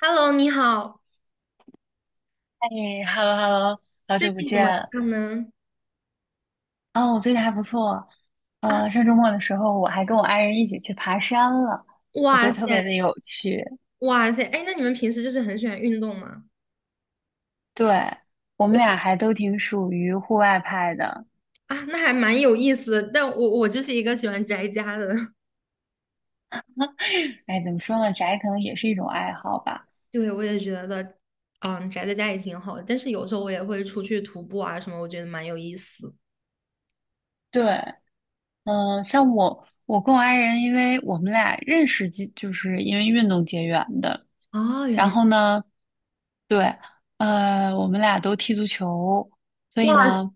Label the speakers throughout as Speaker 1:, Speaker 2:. Speaker 1: Hello，你好，
Speaker 2: 哎，hello hello，好
Speaker 1: 最
Speaker 2: 久不
Speaker 1: 近怎么
Speaker 2: 见。
Speaker 1: 样呢？
Speaker 2: 哦，我最近还不错。
Speaker 1: 啊，
Speaker 2: 上周末的时候，我还跟我爱人一起去爬山了，我觉
Speaker 1: 哇
Speaker 2: 得
Speaker 1: 塞，
Speaker 2: 特别的有趣。
Speaker 1: 哇塞，哎，那你们平时就是很喜欢运动吗？
Speaker 2: 对，我们
Speaker 1: 我
Speaker 2: 俩还都挺属于户外派的。
Speaker 1: 啊，那还蛮有意思的，但我就是一个喜欢宅家的。
Speaker 2: 哎，怎么说呢，宅可能也是一种爱好吧。
Speaker 1: 对，我也觉得，嗯，宅在家也挺好的，但是有时候我也会出去徒步啊什么，我觉得蛮有意思。
Speaker 2: 对，像我跟我爱人，因为我们俩认识就是因为运动结缘的。
Speaker 1: 哦，原来
Speaker 2: 然
Speaker 1: 是，
Speaker 2: 后呢，对，我们俩都踢足球，所
Speaker 1: 哇
Speaker 2: 以
Speaker 1: 塞，
Speaker 2: 呢，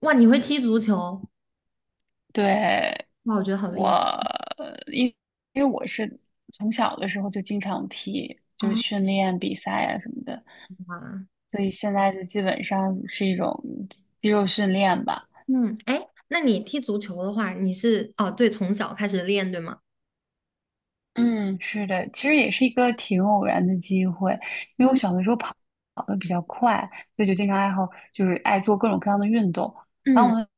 Speaker 1: 哇，你会踢足球？
Speaker 2: 对。
Speaker 1: 哇，我觉得好厉害
Speaker 2: 我因因为我是从小的时候就经常踢，就是
Speaker 1: 哦，
Speaker 2: 训练比赛啊什么的，
Speaker 1: 哇，
Speaker 2: 所以现在就基本上是一种肌肉训练吧。
Speaker 1: 嗯，哎，那你踢足球的话，你是哦，对，从小开始练，对吗？
Speaker 2: 嗯，是的，其实也是一个挺偶然的机会，因为我
Speaker 1: 嗯
Speaker 2: 小的时候跑的比较快，所以就经常爱好就是爱做各种各样的运动。然后
Speaker 1: 嗯，
Speaker 2: 我们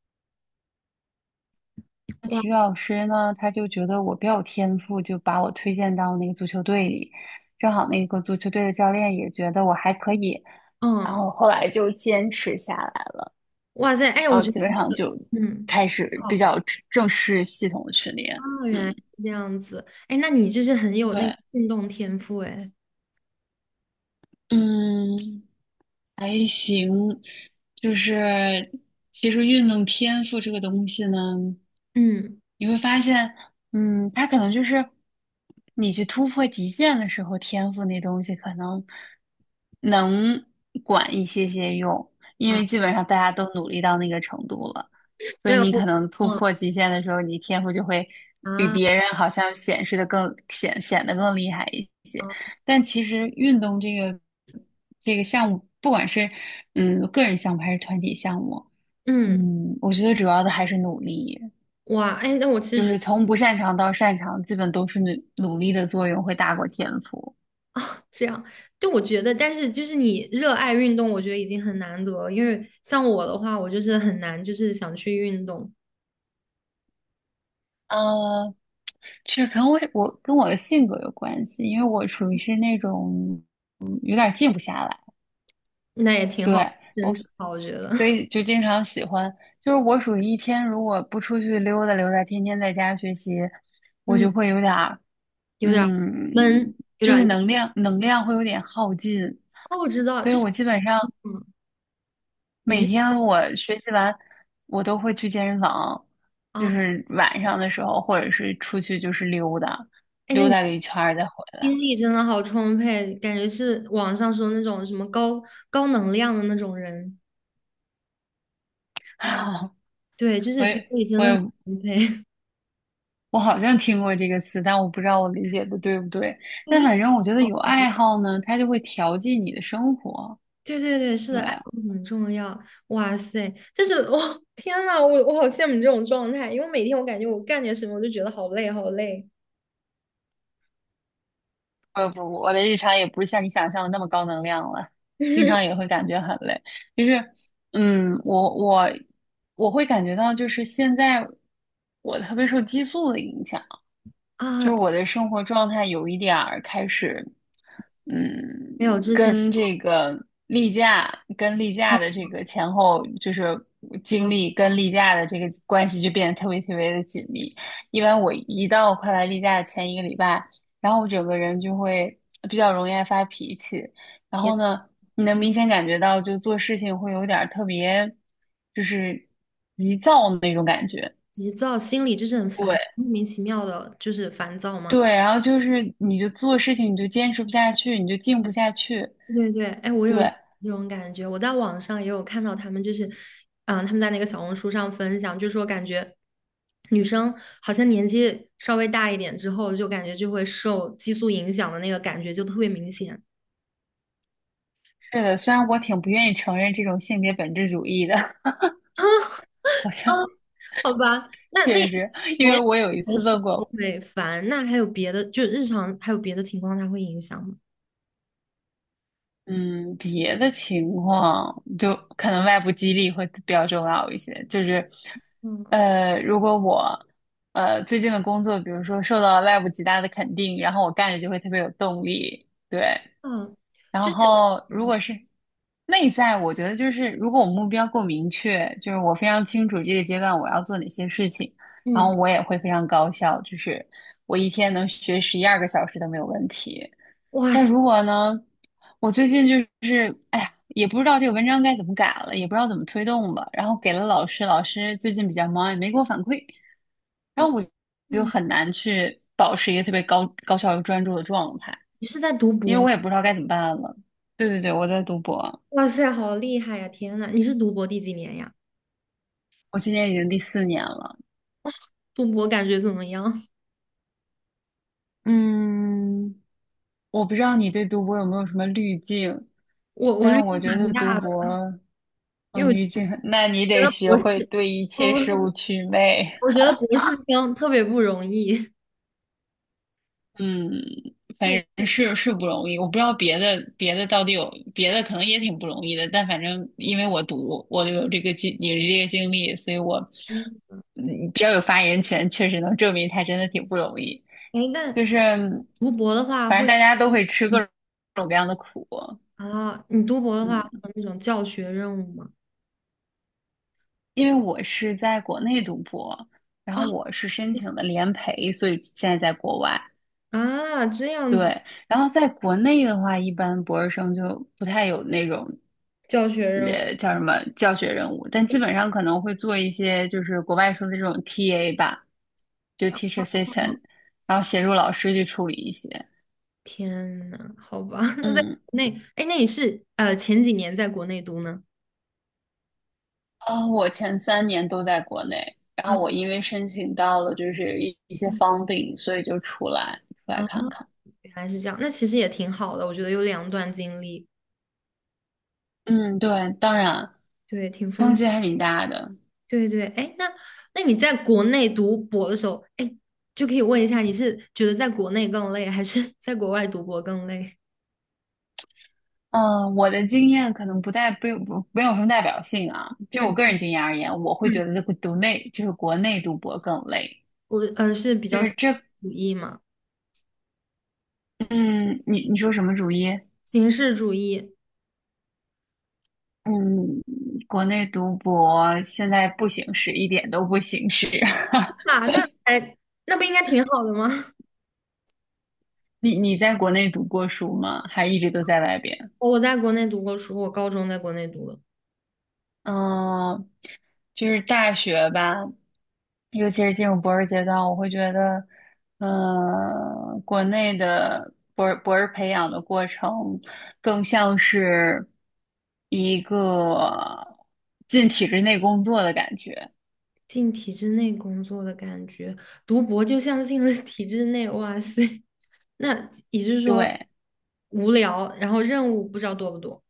Speaker 2: 的
Speaker 1: 哇，
Speaker 2: 体育老师呢，他就觉得我比较有天赋，就把我推荐到那个足球队里。正好那个足球队的教练也觉得我还可以，然
Speaker 1: 嗯。
Speaker 2: 后后来就坚持下来了，
Speaker 1: 哇塞，哎，
Speaker 2: 然
Speaker 1: 我
Speaker 2: 后
Speaker 1: 觉得
Speaker 2: 基本
Speaker 1: 那
Speaker 2: 上
Speaker 1: 个
Speaker 2: 就
Speaker 1: 嗯，
Speaker 2: 开始比
Speaker 1: 哦，
Speaker 2: 较正式系统的训练。
Speaker 1: 哦
Speaker 2: 嗯，
Speaker 1: 原来是这样子，哎，那你就是很有那个
Speaker 2: 对，
Speaker 1: 运动天赋，哎，
Speaker 2: 嗯，还行，就是其实运动天赋这个东西呢，
Speaker 1: 嗯，
Speaker 2: 你会发现，它可能就是你去突破极限的时候，天赋那东西可能能管一些些用，因
Speaker 1: 啊，
Speaker 2: 为基本上大家都努力到那个程度了，所
Speaker 1: 没
Speaker 2: 以
Speaker 1: 有，
Speaker 2: 你可能突
Speaker 1: 嗯
Speaker 2: 破极限的时候，你天赋就会比
Speaker 1: 啊
Speaker 2: 别人好像显示的更显显得更厉害一些。
Speaker 1: 啊，
Speaker 2: 但其实运动这个项目，不管是个人项目还是团体项目，
Speaker 1: 嗯，
Speaker 2: 我觉得主要的还是努力，
Speaker 1: 哇，哎，那我其实
Speaker 2: 就
Speaker 1: 觉得
Speaker 2: 是从不擅长到擅长，基本都是努力的作用会大过天赋。
Speaker 1: 啊，这样，就我觉得，但是就是你热爱运动，我觉得已经很难得了，因为像我的话，我就是很难，就是想去运动，
Speaker 2: 呃，其实可能我跟我的性格有关系，因为我属于是那种有点静不下来，
Speaker 1: 那也挺好，
Speaker 2: 对。
Speaker 1: 身体好，我觉得，
Speaker 2: 所以就经常喜欢，就是我属于一天如果不出去溜达溜达，天天在家学习，我
Speaker 1: 嗯，
Speaker 2: 就会有点儿，
Speaker 1: 有点儿闷，
Speaker 2: 嗯，
Speaker 1: 有
Speaker 2: 就
Speaker 1: 点
Speaker 2: 是
Speaker 1: 儿，
Speaker 2: 能量会有点耗尽，
Speaker 1: 哦，我知道，
Speaker 2: 所以
Speaker 1: 就是，
Speaker 2: 我基本上
Speaker 1: 嗯，你
Speaker 2: 每
Speaker 1: 是
Speaker 2: 天我学习完，我都会去健身房，就
Speaker 1: 啊。
Speaker 2: 是晚上的时候，或者是出去就是溜达，
Speaker 1: 哎，那
Speaker 2: 溜
Speaker 1: 你
Speaker 2: 达个一圈儿再回来。
Speaker 1: 精力真的好充沛，感觉是网上说那种什么高能量的那种人。对，就
Speaker 2: 我
Speaker 1: 是精
Speaker 2: 也
Speaker 1: 力真
Speaker 2: 我
Speaker 1: 的很
Speaker 2: 也
Speaker 1: 充沛。
Speaker 2: 我好像听过这个词，但我不知道我理解的对不对。
Speaker 1: 我
Speaker 2: 但
Speaker 1: 就是
Speaker 2: 反正我觉得有爱好呢，它就会调剂你的生活。
Speaker 1: 对对对，是
Speaker 2: 对，
Speaker 1: 的，爱好很重要。哇塞，但是我、哦天呐，我好羡慕你这种状态，因为每天我感觉我干点什么我就觉得好累好累
Speaker 2: 不不，我的日常也不是像你想象的那么高能量了，经常也会感觉很累。就是，嗯，我我我会感觉到，就是现在我特别受激素的影响。就
Speaker 1: 啊，
Speaker 2: 是我的生活状态有一点儿开始，
Speaker 1: 没有
Speaker 2: 嗯，
Speaker 1: 之前，
Speaker 2: 跟这个例假、跟例
Speaker 1: 啊
Speaker 2: 假的这个前后，就是经
Speaker 1: 啊，
Speaker 2: 历跟例假的这个关系就变得特别特别的紧密。一般我一到快来例假的前一个礼拜，然后我整个人就会比较容易爱发脾气，然
Speaker 1: 天，
Speaker 2: 后呢，你能明显感觉到就做事情会有点儿特别，就是急躁那种感觉。
Speaker 1: 急躁，心里就是很
Speaker 2: 对，
Speaker 1: 烦，莫名其妙的，就是烦躁
Speaker 2: 对，
Speaker 1: 嘛。
Speaker 2: 然后就是你就做事情你就坚持不下去，你就静不下去。
Speaker 1: 对对，哎，我有这
Speaker 2: 对，
Speaker 1: 种感觉，我在网上也有看到他们，就是，嗯、他们在那个小红书上分享，就说感觉女生好像年纪稍微大一点之后，就感觉就会受激素影响的那个感觉就特别明显，
Speaker 2: 是的，虽然我挺不愿意承认这种性别本质主义的，好像
Speaker 1: 好吧？那也
Speaker 2: 确
Speaker 1: 就
Speaker 2: 实，
Speaker 1: 是
Speaker 2: 因
Speaker 1: 还
Speaker 2: 为我有一
Speaker 1: 还
Speaker 2: 次
Speaker 1: 是
Speaker 2: 问过，
Speaker 1: 会烦，那还有别的，就日常还有别的情况，它会影响吗？
Speaker 2: 嗯，别的情况就可能外部激励会比较重要一些，就是，
Speaker 1: 嗯
Speaker 2: 如果我最近的工作，比如说受到了外部极大的肯定，然后我干着就会特别有动力，对，
Speaker 1: 嗯，
Speaker 2: 然
Speaker 1: 就是
Speaker 2: 后如
Speaker 1: 嗯
Speaker 2: 果是内在，我觉得就是如果我目标够明确，就是我非常清楚这个阶段我要做哪些事情，然
Speaker 1: 嗯
Speaker 2: 后我也会非常高效，就是我一天能学11、12个小时都没有问题。
Speaker 1: 哇
Speaker 2: 但
Speaker 1: 塞，
Speaker 2: 如果呢，我最近就是哎呀，也不知道这个文章该怎么改了，也不知道怎么推动了，然后给了老师，老师最近比较忙，也没给我反馈，然后
Speaker 1: 哦
Speaker 2: 我就
Speaker 1: 嗯，
Speaker 2: 很难去保持一个特别高效又专注的状态。
Speaker 1: 你是在读
Speaker 2: 因为
Speaker 1: 博？
Speaker 2: 我也不知道该怎么办了。对对对，我在读博，
Speaker 1: 哇塞，好厉害呀！天呐，你是读博第几年呀？
Speaker 2: 我今年已经第4年了。
Speaker 1: 读博感觉怎么样？
Speaker 2: 嗯，我不知道你对读博有没有什么滤镜，
Speaker 1: 我
Speaker 2: 但
Speaker 1: 滤
Speaker 2: 是
Speaker 1: 镜
Speaker 2: 我觉
Speaker 1: 蛮
Speaker 2: 得读
Speaker 1: 大的，
Speaker 2: 博，哦，
Speaker 1: 因为
Speaker 2: 滤
Speaker 1: 我
Speaker 2: 镜，那你
Speaker 1: 觉
Speaker 2: 得
Speaker 1: 得
Speaker 2: 学
Speaker 1: 博士，
Speaker 2: 会对一切事
Speaker 1: 我
Speaker 2: 物祛魅
Speaker 1: 我觉得 博士生特别不容易。
Speaker 2: 嗯，反
Speaker 1: 对，
Speaker 2: 正是不容易，我不知道别的到底有别的可能也挺不容易的，但反正因为我有这个经历，所以我
Speaker 1: 嗯，
Speaker 2: 比较有发言权，确实能证明它真的挺不容易。
Speaker 1: 哎，那
Speaker 2: 就是
Speaker 1: 读博的话
Speaker 2: 反正
Speaker 1: 会
Speaker 2: 大家都会吃各种各样的苦，
Speaker 1: 啊，你读博的话
Speaker 2: 嗯，
Speaker 1: 会有那种教学任务吗？
Speaker 2: 因为我是在国内读博，然
Speaker 1: 啊
Speaker 2: 后我是申请的联培，所以现在在国外。
Speaker 1: 啊，这样子
Speaker 2: 对，然后在国内的话，一般博士生就不太有那种，
Speaker 1: 教学任务，
Speaker 2: 叫什么教学任务，但基本上可能会做一些就是国外说的这种 TA 吧，就 teacher
Speaker 1: 哦
Speaker 2: assistant,然后协助老师去处理一些。
Speaker 1: 天呐，好吧，那在
Speaker 2: 嗯，
Speaker 1: 国内，哎，那你是前几年在国内读呢？
Speaker 2: 我前3年都在国内，然
Speaker 1: 啊
Speaker 2: 后我因为申请到了就是一些 funding,所以就出来
Speaker 1: 啊，哦
Speaker 2: 看看。
Speaker 1: 原来是这样，那其实也挺好的，我觉得有两段经历，
Speaker 2: 嗯，对，当然
Speaker 1: 对，挺
Speaker 2: 冲
Speaker 1: 丰。
Speaker 2: 击还挺大的。
Speaker 1: 对对，哎，那那你在国内读博的时候，哎，就可以问一下，你是觉得在国内更累，还是 在国外读博更累？
Speaker 2: 嗯，我的经验可能不代不不没有什么代表性啊。就我
Speaker 1: 嗯
Speaker 2: 个人经验而言，我会
Speaker 1: 嗯，
Speaker 2: 觉得这个就是国内读博更累。
Speaker 1: 我是比
Speaker 2: 就
Speaker 1: 较
Speaker 2: 是
Speaker 1: 形
Speaker 2: 这，
Speaker 1: 式主义嘛，
Speaker 2: 嗯，你说什么主意？
Speaker 1: 形式主义
Speaker 2: 嗯，国内读博现在不行使，一点都不行使。
Speaker 1: 啊，那哎，那不应该挺好的吗？
Speaker 2: 你在国内读过书吗？还一直都在外边？
Speaker 1: 我在国内读过书，我高中在国内读的，
Speaker 2: 嗯，就是大学吧，尤其是进入博士阶段，我会觉得，国内的博士培养的过程更像是一个进体制内工作的感觉。
Speaker 1: 进体制内工作的感觉，读博就像进了体制内，哇塞，那也就是说
Speaker 2: 对，
Speaker 1: 无聊，然后任务不知道多不多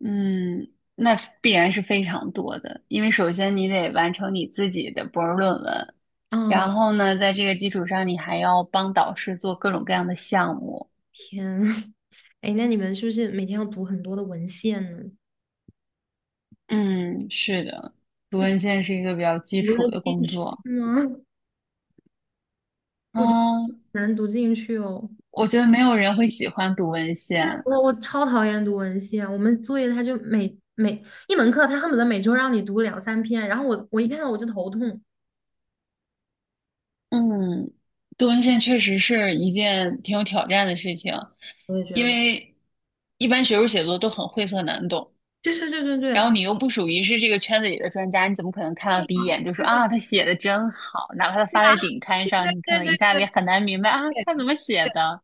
Speaker 2: 嗯，那必然是非常多的，因为首先你得完成你自己的博士论文，
Speaker 1: 啊？
Speaker 2: 然后呢，在这个基础上，你还要帮导师做各种各样的项目。
Speaker 1: 天，哎，那你们是不是每天要读很多的文献呢？
Speaker 2: 嗯，是的，读文献是一个比较基
Speaker 1: 读
Speaker 2: 础
Speaker 1: 得
Speaker 2: 的
Speaker 1: 进
Speaker 2: 工
Speaker 1: 去
Speaker 2: 作。
Speaker 1: 吗？我觉得
Speaker 2: 嗯，
Speaker 1: 很难读进去哦。
Speaker 2: 我觉得没有人会喜欢读文
Speaker 1: 对，
Speaker 2: 献。
Speaker 1: 我超讨厌读文献，我们作业他就每一门课，他恨不得每周让你读两三篇，然后我一看到我就头痛，
Speaker 2: 嗯，读文献确实是一件挺有挑战的事情，
Speaker 1: 我也觉
Speaker 2: 因
Speaker 1: 得，
Speaker 2: 为一般学术写作都很晦涩难懂。
Speaker 1: 对对对对
Speaker 2: 然
Speaker 1: 对
Speaker 2: 后你又不属于是这个圈子里的专家，你怎么可能看到第一眼就说啊，他写的真好？哪怕他发在顶刊上，你可能一下子也很难明白啊，他怎么写的？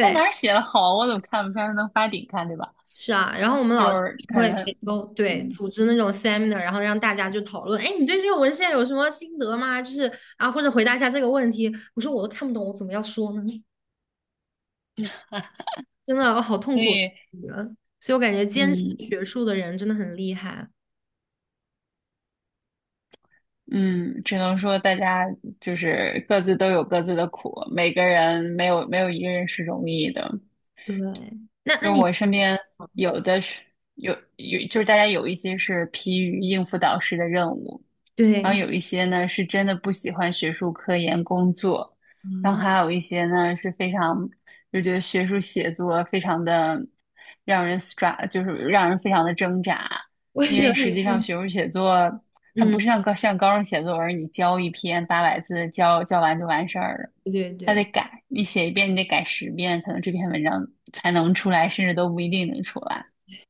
Speaker 2: 他哪儿写的好？我怎么看不出来他能发顶刊，对吧？
Speaker 1: 是啊。然后我们
Speaker 2: 就
Speaker 1: 老师
Speaker 2: 是可
Speaker 1: 会每
Speaker 2: 能，
Speaker 1: 周对
Speaker 2: 嗯，
Speaker 1: 组织那种 seminar，然后让大家就讨论，哎，你对这个文献有什么心得吗？就是啊，或者回答一下这个问题。我说我都看不懂，我怎么要说呢？真的哦好痛
Speaker 2: 所
Speaker 1: 苦，
Speaker 2: 以，
Speaker 1: 嗯所以我感觉坚持
Speaker 2: 嗯
Speaker 1: 学术的人真的很厉害。
Speaker 2: 嗯，只能说大家就是各自都有各自的苦，每个人没有没有一个人是容易的。
Speaker 1: 对，那那
Speaker 2: 就
Speaker 1: 你
Speaker 2: 我身边有的是就是大家有一些是疲于应付导师的任务，然后
Speaker 1: 对
Speaker 2: 有一些呢是真的不喜欢学术科研工作，然后
Speaker 1: 啊，
Speaker 2: 还有一些呢是非常就觉得学术写作非常的让人 stra，就是让人非常的挣扎，
Speaker 1: 我也
Speaker 2: 因
Speaker 1: 觉
Speaker 2: 为
Speaker 1: 得，
Speaker 2: 实际上学术写作它
Speaker 1: 嗯，
Speaker 2: 不是像高中写作文儿，你交一篇800字交完就完事儿了。
Speaker 1: 对对
Speaker 2: 他得
Speaker 1: 对，
Speaker 2: 改，你写一遍，你得改10遍，可能这篇文章才能出来，甚至都不一定能出来。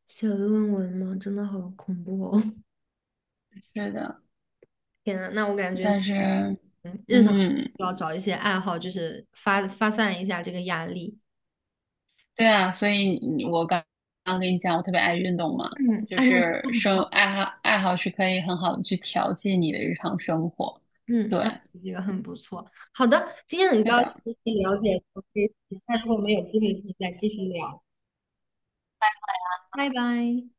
Speaker 1: 写论文嘛，真的好恐怖哦！
Speaker 2: 是的，
Speaker 1: 天呐，那我感觉，
Speaker 2: 但是，
Speaker 1: 嗯日常需
Speaker 2: 嗯，
Speaker 1: 要找一些爱好，就是发散一下这个压力。
Speaker 2: 对啊，所以我刚刚跟你讲，我特别爱运动嘛，
Speaker 1: 嗯，
Speaker 2: 就
Speaker 1: 哎，那这
Speaker 2: 是
Speaker 1: 个很好，
Speaker 2: 爱好是可以很好的去调剂你的日常生活。
Speaker 1: 嗯，
Speaker 2: 对，
Speaker 1: 那这个很不错。好的，今天很
Speaker 2: 是
Speaker 1: 高
Speaker 2: 的。
Speaker 1: 兴了解到这些，那如果我们有机会可以再继续聊，拜拜。